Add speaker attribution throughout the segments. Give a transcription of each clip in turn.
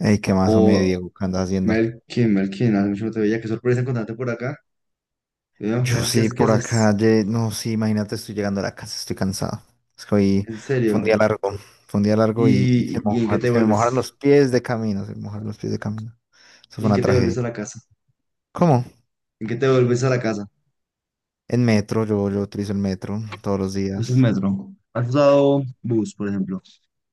Speaker 1: Ey, ¿qué
Speaker 2: O
Speaker 1: más, me Diego? ¿Qué andas haciendo?
Speaker 2: Melkin, Melkin, hace mucho no te veía, qué sorpresa encontrarte por acá. Veo, ¿qué
Speaker 1: Yo
Speaker 2: haces? ¿Qué
Speaker 1: sí,
Speaker 2: haces? ¿Qué
Speaker 1: por
Speaker 2: haces?
Speaker 1: acá, no, sí, imagínate, estoy llegando a la casa, estoy cansado. Es que hoy
Speaker 2: En
Speaker 1: fue un
Speaker 2: serio.
Speaker 1: día largo, y
Speaker 2: ¿Y en qué te
Speaker 1: se me mojaron
Speaker 2: vuelves?
Speaker 1: los pies de camino, se me mojaron los pies de camino. Eso fue
Speaker 2: ¿En
Speaker 1: una
Speaker 2: qué te vuelves a
Speaker 1: tragedia.
Speaker 2: la casa?
Speaker 1: ¿Cómo?
Speaker 2: ¿En qué te vuelves a la casa?
Speaker 1: En metro, yo utilizo el metro todos los
Speaker 2: Pues el
Speaker 1: días.
Speaker 2: metro. ¿Has usado bus, por ejemplo?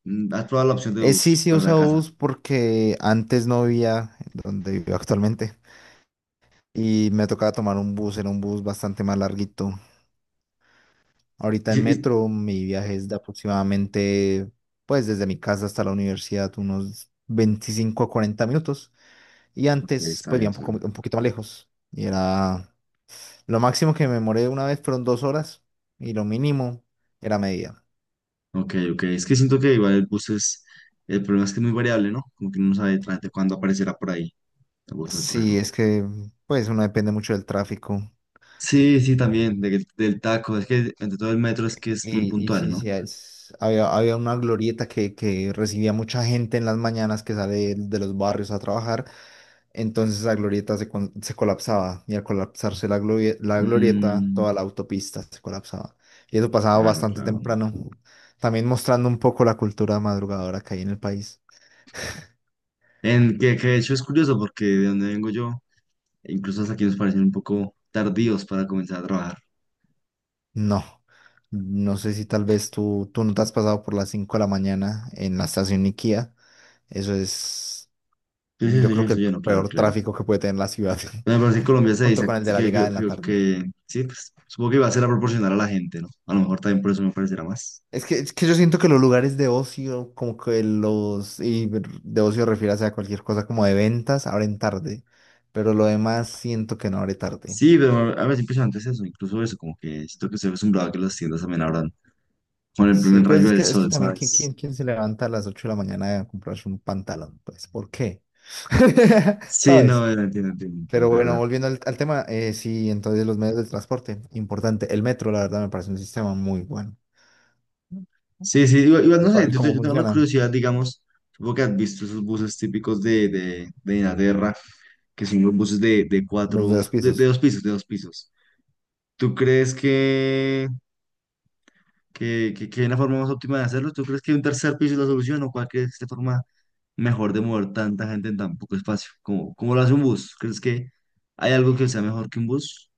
Speaker 2: Mm, ¿has probado la opción de
Speaker 1: Sí,
Speaker 2: bus
Speaker 1: sí
Speaker 2: para la
Speaker 1: uso
Speaker 2: casa?
Speaker 1: bus porque antes no vivía donde vivo actualmente y me tocaba tomar un bus, era un bus bastante más larguito. Ahorita
Speaker 2: Y-
Speaker 1: en
Speaker 2: y-
Speaker 1: metro mi viaje es de aproximadamente, pues desde mi casa hasta la universidad, unos 25 a 40 minutos. Y
Speaker 2: Ok,
Speaker 1: antes,
Speaker 2: está
Speaker 1: pues
Speaker 2: bien,
Speaker 1: vivía un
Speaker 2: está
Speaker 1: poco,
Speaker 2: bien.
Speaker 1: un poquito más lejos. Y era, lo máximo que me demoré una vez fueron 2 horas y lo mínimo era media.
Speaker 2: Ok, ok. Es que siento que igual el bus es... El problema es que es muy variable, ¿no? Como que uno no sabe exactamente cuándo aparecerá por ahí. Me gusta
Speaker 1: Sí,
Speaker 2: cogerlo.
Speaker 1: es que, pues uno depende mucho del tráfico.
Speaker 2: Sí, sí, también, del taco. Es que entre todo el metro es que es muy
Speaker 1: Y
Speaker 2: puntual,
Speaker 1: sí,
Speaker 2: ¿no?
Speaker 1: sí, había una glorieta que recibía mucha gente en las mañanas que sale de los barrios a trabajar. Entonces la glorieta se colapsaba y al colapsarse la glorieta,
Speaker 2: Mm,
Speaker 1: toda la autopista se colapsaba. Y eso pasaba
Speaker 2: claro,
Speaker 1: bastante
Speaker 2: claro.
Speaker 1: temprano, también mostrando un poco la cultura madrugadora que hay en el país.
Speaker 2: En que de hecho es curioso porque de donde vengo yo, incluso hasta aquí nos parecen un poco tardíos para comenzar a trabajar.
Speaker 1: No, no sé si tal vez tú no te has pasado por las 5 de la mañana en la estación Iquía. Eso es,
Speaker 2: Sí, sí,
Speaker 1: yo
Speaker 2: sí,
Speaker 1: creo que
Speaker 2: eso
Speaker 1: el
Speaker 2: ya no, claro,
Speaker 1: peor
Speaker 2: claro.
Speaker 1: tráfico que puede tener la ciudad,
Speaker 2: Bueno, pero me parece que en Colombia se
Speaker 1: junto
Speaker 2: dice
Speaker 1: con el de la llegada en la tarde.
Speaker 2: sí, pues supongo que va a ser a proporcionar a la gente, ¿no? A lo mejor también por eso me parecerá más.
Speaker 1: Es que yo siento que los lugares de ocio, como que los, y de ocio refiérase a cualquier cosa como de ventas, abren tarde, pero lo demás siento que no abre tarde.
Speaker 2: Sí, pero a mí es impresionante es eso, incluso eso, como que siento que estoy acostumbrado a que las tiendas también abran con el
Speaker 1: Sí,
Speaker 2: primer
Speaker 1: pues
Speaker 2: rayo del
Speaker 1: es que
Speaker 2: sol,
Speaker 1: también, ¿quién,
Speaker 2: ¿sabes?
Speaker 1: quién, quién se levanta a las 8 de la mañana a comprarse un pantalón? Pues, ¿por qué?
Speaker 2: Sí, no,
Speaker 1: ¿Sabes?
Speaker 2: entiendo, entiendo, entiendo, es
Speaker 1: Pero bueno,
Speaker 2: verdad.
Speaker 1: volviendo al tema, sí, entonces los medios de transporte, importante. El metro, la verdad, me parece un sistema muy bueno.
Speaker 2: Sí, sí, igual, igual,
Speaker 1: El,
Speaker 2: no
Speaker 1: co-
Speaker 2: sé,
Speaker 1: el
Speaker 2: yo,
Speaker 1: cómo
Speaker 2: yo tengo la
Speaker 1: funcionan
Speaker 2: curiosidad, digamos, supongo que has visto esos buses típicos de, de Inglaterra, que son los buses
Speaker 1: los de los
Speaker 2: de
Speaker 1: pisos.
Speaker 2: dos pisos, de dos pisos. ¿Tú crees que, hay una forma más óptima de hacerlo? ¿Tú crees que un tercer piso es la solución o cuál crees que es la forma mejor de mover tanta gente en tan poco espacio? ¿Cómo lo hace un bus? ¿Crees que hay algo que sea mejor que un bus?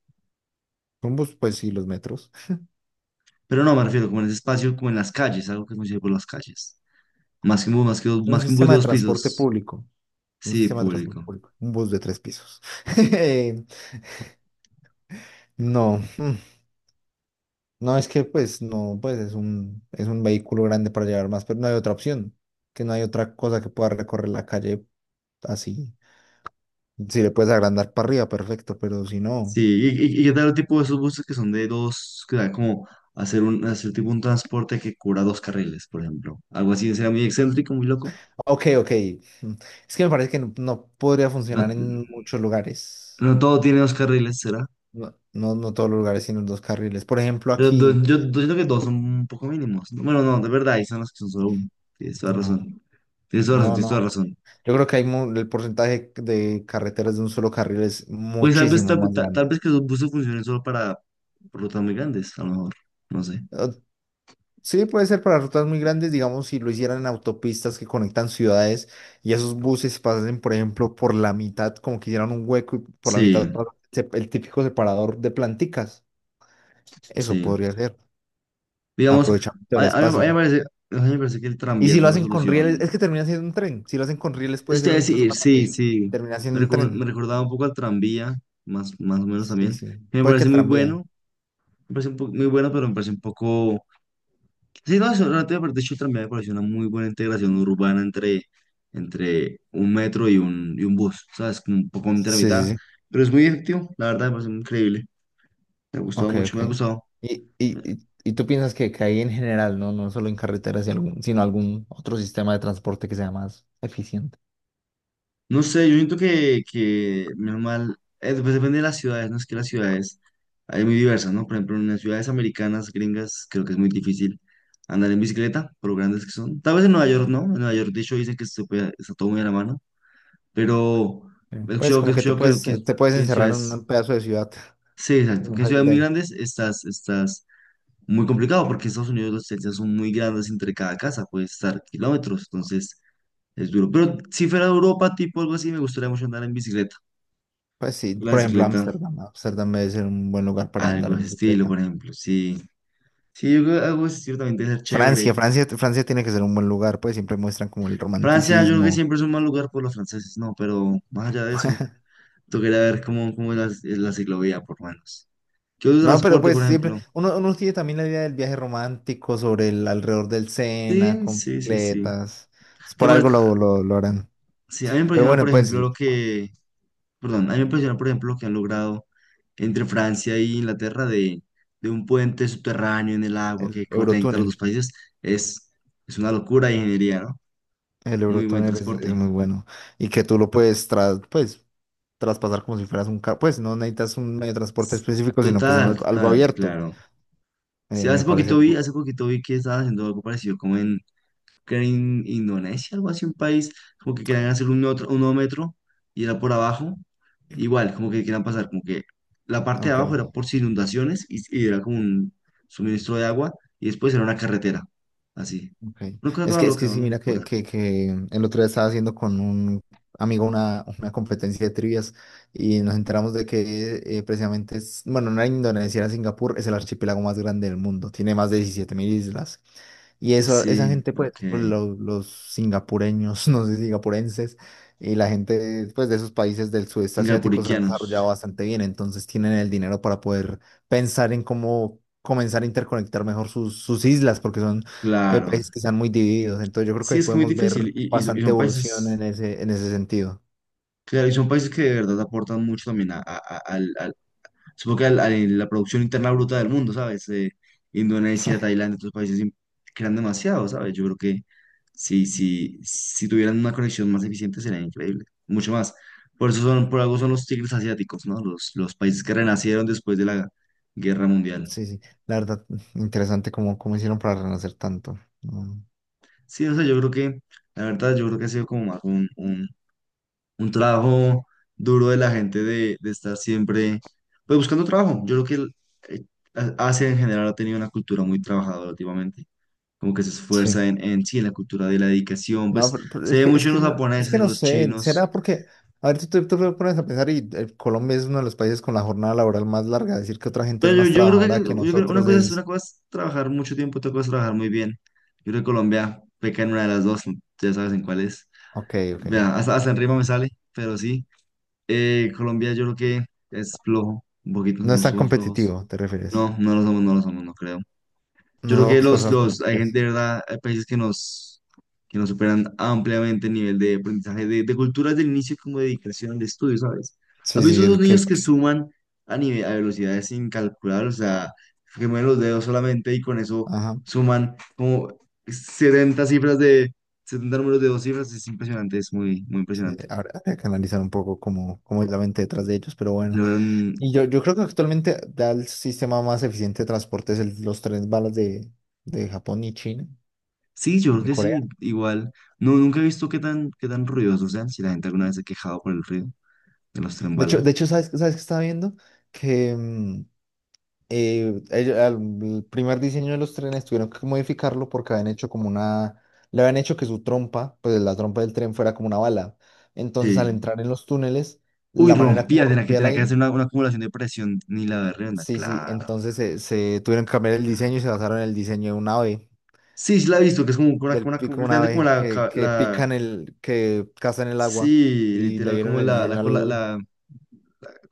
Speaker 1: Son bus, pues sí, los metros.
Speaker 2: Pero no, me refiero como en ese espacio, como en las calles, algo que funcione por las calles. Más que un bus, más que,
Speaker 1: Es un
Speaker 2: más que un bus
Speaker 1: sistema
Speaker 2: de
Speaker 1: de
Speaker 2: dos
Speaker 1: transporte
Speaker 2: pisos.
Speaker 1: público. Un
Speaker 2: Sí,
Speaker 1: sistema de transporte
Speaker 2: público.
Speaker 1: público. Un bus de tres pisos. Eh, No. No, es que pues no, pues es un vehículo grande para llevar más, pero no hay otra opción. Que no hay otra cosa que pueda recorrer la calle así. Si le puedes agrandar para arriba, perfecto, pero si no.
Speaker 2: Sí, y qué tal el tipo de esos buses que son de dos, que da como hacer un, hacer tipo un transporte que cubra dos carriles, por ejemplo. Algo así, será muy excéntrico, muy loco.
Speaker 1: Ok, ok. mm, Es que me parece que no podría funcionar
Speaker 2: No,
Speaker 1: en muchos lugares.
Speaker 2: no todo tiene dos carriles, será.
Speaker 1: No, no, no todos los lugares tienen dos carriles. Por ejemplo,
Speaker 2: Pero
Speaker 1: aquí,
Speaker 2: yo, yo siento que dos son un poco mínimos. No, bueno, no, de verdad, ahí son los que son solo uno. Tienes toda
Speaker 1: no,
Speaker 2: razón. Tienes toda razón,
Speaker 1: no,
Speaker 2: tienes toda
Speaker 1: no.
Speaker 2: razón.
Speaker 1: Yo creo que hay el porcentaje de carreteras de un solo carril es
Speaker 2: Pues tal vez,
Speaker 1: muchísimo más
Speaker 2: tal
Speaker 1: grande.
Speaker 2: vez que esos buses funcionen solo para rutas muy grandes, a lo mejor. No sé.
Speaker 1: Eh, Sí, puede ser para rutas muy grandes, digamos, si lo hicieran en autopistas que conectan ciudades y esos buses pasen, por ejemplo, por la mitad, como que hicieran un hueco y por la mitad
Speaker 2: Sí,
Speaker 1: pasa el típico separador de planticas. Eso
Speaker 2: sí.
Speaker 1: podría ser,
Speaker 2: Digamos,
Speaker 1: aprovechamiento
Speaker 2: a,
Speaker 1: del
Speaker 2: a mí a mí me
Speaker 1: espacio.
Speaker 2: parece, a mí me parece que el
Speaker 1: Y
Speaker 2: tranvía
Speaker 1: si
Speaker 2: es
Speaker 1: lo
Speaker 2: una
Speaker 1: hacen con rieles,
Speaker 2: solución.
Speaker 1: es que termina siendo un tren. Si lo hacen con rieles puede
Speaker 2: Eso te
Speaker 1: ser
Speaker 2: iba a
Speaker 1: incluso
Speaker 2: decir,
Speaker 1: más
Speaker 2: sí,
Speaker 1: rápido.
Speaker 2: sí.
Speaker 1: Termina siendo un
Speaker 2: Me
Speaker 1: tren.
Speaker 2: recordaba un poco al tranvía, más o menos
Speaker 1: Sí,
Speaker 2: también.
Speaker 1: sí.
Speaker 2: Me
Speaker 1: Puede que
Speaker 2: parece
Speaker 1: el
Speaker 2: muy
Speaker 1: tranvía.
Speaker 2: bueno, me parece muy bueno, pero me parece un poco... Sí, no, eso, realmente me parece, de hecho, el tranvía me parece una muy buena integración urbana entre, entre un metro y un bus, ¿sabes? Como un poco entre la
Speaker 1: Sí, sí,
Speaker 2: mitad,
Speaker 1: sí.
Speaker 2: pero es muy efectivo, la verdad, me parece increíble. Me ha gustado
Speaker 1: Ok,
Speaker 2: mucho,
Speaker 1: ok.
Speaker 2: me ha gustado.
Speaker 1: Y tú piensas que ahí en general, ¿no? No solo en carreteras, y sino algún otro sistema de transporte que sea más eficiente.
Speaker 2: No sé, yo siento que menos mal, pues depende de las ciudades, ¿no? Es que las ciudades hay muy diversas, ¿no? Por ejemplo, en las ciudades americanas, gringas, creo que es muy difícil andar en bicicleta, por lo grandes que son. Tal vez en Nueva York, ¿no? En Nueva York, de hecho, dicen que se está todo muy a la mano, pero
Speaker 1: Sí. Pues
Speaker 2: he
Speaker 1: como que
Speaker 2: escuchado
Speaker 1: te puedes
Speaker 2: que en
Speaker 1: encerrar en
Speaker 2: ciudades,
Speaker 1: un pedazo de ciudad
Speaker 2: sí,
Speaker 1: y
Speaker 2: exacto,
Speaker 1: no
Speaker 2: que en
Speaker 1: salir
Speaker 2: ciudades
Speaker 1: de
Speaker 2: muy
Speaker 1: ahí.
Speaker 2: grandes estás, estás muy complicado, porque en Estados Unidos las distancias son muy grandes entre cada casa, puedes estar kilómetros, entonces es duro. Pero si fuera Europa, tipo algo así, me gustaría mucho andar en bicicleta.
Speaker 1: Pues sí,
Speaker 2: La
Speaker 1: por ejemplo,
Speaker 2: bicicleta,
Speaker 1: Ámsterdam. Ámsterdam debe ser un buen lugar para andar
Speaker 2: algo de
Speaker 1: en
Speaker 2: ese estilo,
Speaker 1: bicicleta.
Speaker 2: por ejemplo, sí. Sí, yo creo que algo ciertamente ser chévere.
Speaker 1: Francia tiene que ser un buen lugar, pues siempre muestran como el
Speaker 2: Francia, yo creo que
Speaker 1: romanticismo.
Speaker 2: siempre es un mal lugar por los franceses, no, pero más allá de eso, tocaría ver cómo, cómo es la ciclovía, por lo menos. ¿Qué otro
Speaker 1: No, pero
Speaker 2: transporte,
Speaker 1: pues
Speaker 2: por
Speaker 1: siempre,
Speaker 2: ejemplo?
Speaker 1: uno tiene también la idea del viaje romántico sobre el alrededor del Sena,
Speaker 2: Sí,
Speaker 1: con
Speaker 2: sí, sí, sí.
Speaker 1: bicicletas. Pues
Speaker 2: ¿Te
Speaker 1: por algo
Speaker 2: parece-
Speaker 1: lo harán.
Speaker 2: Sí, a mí me
Speaker 1: Pero
Speaker 2: impresiona, por
Speaker 1: bueno, pues
Speaker 2: ejemplo, lo que, perdón, a mí me impresiona, por ejemplo, lo que han logrado entre Francia y Inglaterra de un puente subterráneo en el agua
Speaker 1: el
Speaker 2: que conecta a los dos
Speaker 1: Eurotúnel,
Speaker 2: países. Es, es una locura de ingeniería, ¿no?
Speaker 1: el
Speaker 2: Muy buen
Speaker 1: Eurotúnel es
Speaker 2: transporte.
Speaker 1: muy bueno y que tú lo puedes, pues, traspasar como si fueras un carro, pues no necesitas un medio de transporte específico, sino que es un
Speaker 2: Total,
Speaker 1: algo
Speaker 2: total,
Speaker 1: abierto.
Speaker 2: claro. Sí,
Speaker 1: Me parece algo,
Speaker 2: hace poquito vi que estaban haciendo algo parecido como en, creo en Indonesia, algo así, un país, como que querían hacer un, otro, un nuevo metro y era por abajo, igual, como que querían pasar, como que la parte de
Speaker 1: ok,
Speaker 2: abajo era por si inundaciones y era como un suministro de agua y después era una carretera, así.
Speaker 1: ok.
Speaker 2: Una cosa toda
Speaker 1: Es que
Speaker 2: loca,
Speaker 1: sí,
Speaker 2: una
Speaker 1: mira
Speaker 2: locura.
Speaker 1: que el otro día estaba haciendo con un amigo una competencia de trivias y nos enteramos de que precisamente es, bueno, no era Indonesia, era Singapur, es el archipiélago más grande del mundo, tiene más de 17.000 islas. Y eso, esa
Speaker 2: Sí,
Speaker 1: gente, pues,
Speaker 2: ok.
Speaker 1: los, singapureños, no sé, singapurenses, y la gente, pues, de esos países del sudeste asiático se han desarrollado
Speaker 2: Singapuriquianos,
Speaker 1: bastante bien, entonces tienen el dinero para poder pensar en cómo comenzar a interconectar mejor sus islas, porque son
Speaker 2: claro.
Speaker 1: países que están muy divididos, entonces yo creo que
Speaker 2: Sí,
Speaker 1: ahí
Speaker 2: es que muy
Speaker 1: podemos
Speaker 2: difícil
Speaker 1: ver
Speaker 2: y son y
Speaker 1: bastante
Speaker 2: son
Speaker 1: evolución
Speaker 2: países...
Speaker 1: en ese sentido.
Speaker 2: Claro, y son países que de verdad aportan mucho también a, supongo que a la producción interna bruta del mundo, ¿sabes? Indonesia, Tailandia, otros países crean demasiado, ¿sabes? Yo creo que si tuvieran una conexión más eficiente sería increíble, mucho más. Por eso son, por algo son los tigres asiáticos, ¿no? Los países que renacieron después de la Guerra Mundial.
Speaker 1: Sí, sí, la verdad, interesante cómo hicieron para renacer tanto. Mm.
Speaker 2: Sí, o sea, yo creo que, la verdad, yo creo que ha sido como más un trabajo duro de la gente de estar siempre, pues buscando trabajo. Yo creo que eh, Asia en general ha tenido una cultura muy trabajadora últimamente, como que se
Speaker 1: Sí.
Speaker 2: esfuerza en sí, en la cultura de la dedicación,
Speaker 1: No,
Speaker 2: pues
Speaker 1: pero
Speaker 2: se ve mucho en los
Speaker 1: es
Speaker 2: japoneses,
Speaker 1: que
Speaker 2: en
Speaker 1: no
Speaker 2: los
Speaker 1: sé, será
Speaker 2: chinos,
Speaker 1: porque, a ver, tú te pones a pensar y Colombia es uno de los países con la jornada laboral más larga, decir que otra gente es
Speaker 2: pero yo,
Speaker 1: más
Speaker 2: yo creo que
Speaker 1: trabajadora que nosotros
Speaker 2: una
Speaker 1: es,
Speaker 2: cosa es trabajar mucho tiempo, otra cosa es trabajar muy bien. Yo creo que Colombia peca en una de las dos, ya sabes en cuál es.
Speaker 1: ok, ok,
Speaker 2: Vea, hasta, hasta en rima me sale, pero sí. Colombia yo creo que es flojo, un poquito
Speaker 1: no es
Speaker 2: somos,
Speaker 1: tan
Speaker 2: somos flojos.
Speaker 1: competitivo, ¿te refieres?
Speaker 2: No, no lo somos, no lo somos, no creo. Yo creo
Speaker 1: No
Speaker 2: que
Speaker 1: somos personas
Speaker 2: hay gente
Speaker 1: competitivas.
Speaker 2: de verdad, hay países que nos superan ampliamente el nivel de aprendizaje, de culturas del inicio como de dedicación de estudio, ¿sabes? ¿Has
Speaker 1: Sí,
Speaker 2: visto
Speaker 1: sí,
Speaker 2: esos
Speaker 1: el que,
Speaker 2: niños que suman a nivel, a velocidades sin calcular? O sea, que mueven los dedos solamente y con eso
Speaker 1: ajá,
Speaker 2: suman como 70 cifras de, 70 números de dos cifras, es impresionante, es muy, muy
Speaker 1: sí,
Speaker 2: impresionante.
Speaker 1: habrá que analizar un poco cómo es la mente detrás de ellos, pero bueno,
Speaker 2: Logran.
Speaker 1: y yo creo que actualmente da el sistema más eficiente de transporte es los trenes balas de Japón y China
Speaker 2: Sí, yo creo
Speaker 1: y
Speaker 2: que sí,
Speaker 1: Corea.
Speaker 2: igual. No, nunca he visto qué tan ruidosos sean, si la gente alguna vez se ha quejado por el ruido de los tren bala.
Speaker 1: De hecho, ¿Sabes qué estaba viendo? Que eh, ello- al- el primer diseño de los trenes tuvieron que modificarlo porque habían hecho como una... Le habían hecho que su trompa, pues la trompa del tren fuera como una bala. Entonces, al
Speaker 2: Sí.
Speaker 1: entrar en los túneles,
Speaker 2: Uy,
Speaker 1: la manera como
Speaker 2: rompía,
Speaker 1: rompía el
Speaker 2: tenía que hacer
Speaker 1: aire,
Speaker 2: una acumulación de presión, ni la berrenda,
Speaker 1: sí, sí,
Speaker 2: claro.
Speaker 1: entonces se tuvieron que cambiar el diseño y se basaron en el diseño de un ave,
Speaker 2: Sí, sí la he visto, que es como
Speaker 1: del
Speaker 2: una,
Speaker 1: pico de un
Speaker 2: literalmente como
Speaker 1: ave
Speaker 2: la,
Speaker 1: que
Speaker 2: la,
Speaker 1: pica que caza en el agua
Speaker 2: sí,
Speaker 1: y le
Speaker 2: literal,
Speaker 1: dieron
Speaker 2: como
Speaker 1: el
Speaker 2: la,
Speaker 1: diseño.
Speaker 2: la,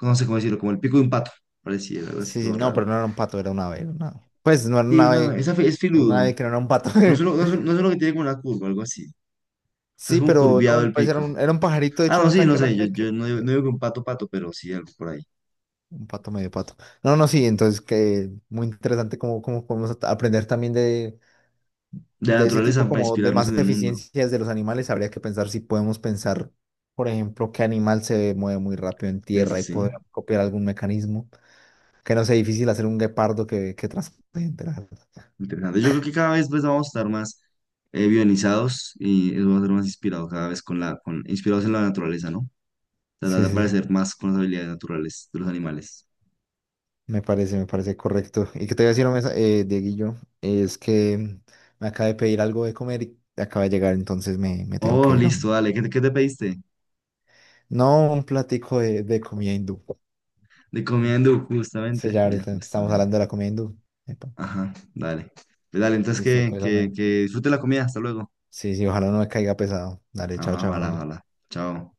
Speaker 2: no sé cómo decirlo, como el pico de un pato, parecía, algo así
Speaker 1: Sí,
Speaker 2: todo
Speaker 1: sí, no, pero
Speaker 2: raro.
Speaker 1: no era un pato, era un ave. Pues no era
Speaker 2: Sí, no, esa es
Speaker 1: un
Speaker 2: filudo,
Speaker 1: ave que no era un pato.
Speaker 2: no es uno, no es uno, no es uno que tiene como una curva, algo así, o sea, es
Speaker 1: Sí,
Speaker 2: como
Speaker 1: pero
Speaker 2: curviado
Speaker 1: no,
Speaker 2: el
Speaker 1: pues era
Speaker 2: pico.
Speaker 1: un, era un pajarito, de
Speaker 2: Ah,
Speaker 1: hecho,
Speaker 2: no,
Speaker 1: no
Speaker 2: sí,
Speaker 1: tan
Speaker 2: no sé, yo,
Speaker 1: grande
Speaker 2: yo no, digo, no
Speaker 1: que
Speaker 2: digo que un pato pato, pero sí algo por ahí.
Speaker 1: un pato medio pato. No, no, sí, entonces que muy interesante cómo podemos aprender también de,
Speaker 2: De la
Speaker 1: de ese
Speaker 2: naturaleza
Speaker 1: tipo
Speaker 2: para
Speaker 1: como de
Speaker 2: inspirarnos
Speaker 1: más
Speaker 2: en el mundo.
Speaker 1: eficiencias de los animales. Habría que pensar si podemos pensar, por ejemplo, qué animal se mueve muy rápido en
Speaker 2: Sí, sí,
Speaker 1: tierra y
Speaker 2: sí,
Speaker 1: poder copiar algún mecanismo. Que no sea difícil hacer un guepardo que transporte gente, la verdad.
Speaker 2: interesante. Yo creo que cada vez pues, vamos a estar más bionizados y eso va a ser más inspirado cada vez con la, con, inspirados en la naturaleza, ¿no? Tratar
Speaker 1: Sí,
Speaker 2: de
Speaker 1: sí, sí.
Speaker 2: parecer más con las habilidades naturales de los animales.
Speaker 1: Me parece correcto. Y que te voy a decir, hombre, Dieguillo, es que me acabé de pedir algo de comer y acaba de llegar, entonces me tengo
Speaker 2: Oh,
Speaker 1: que ir, hombre.
Speaker 2: listo, dale. ¿Qué, qué te pediste?
Speaker 1: No un platico de comida hindú.
Speaker 2: De comida hindú,
Speaker 1: Sí,
Speaker 2: justamente.
Speaker 1: ya
Speaker 2: Mira,
Speaker 1: ahorita que estamos hablando
Speaker 2: justamente.
Speaker 1: de la comida hindú. Epa.
Speaker 2: Ajá, dale. Pues dale, entonces
Speaker 1: Listo, pues, hombre.
Speaker 2: que disfrute la comida. Hasta luego.
Speaker 1: Sí, sí, ojalá no me caiga pesado. Dale, chao,
Speaker 2: Ajá, ojalá,
Speaker 1: chao.
Speaker 2: ojalá. Chao.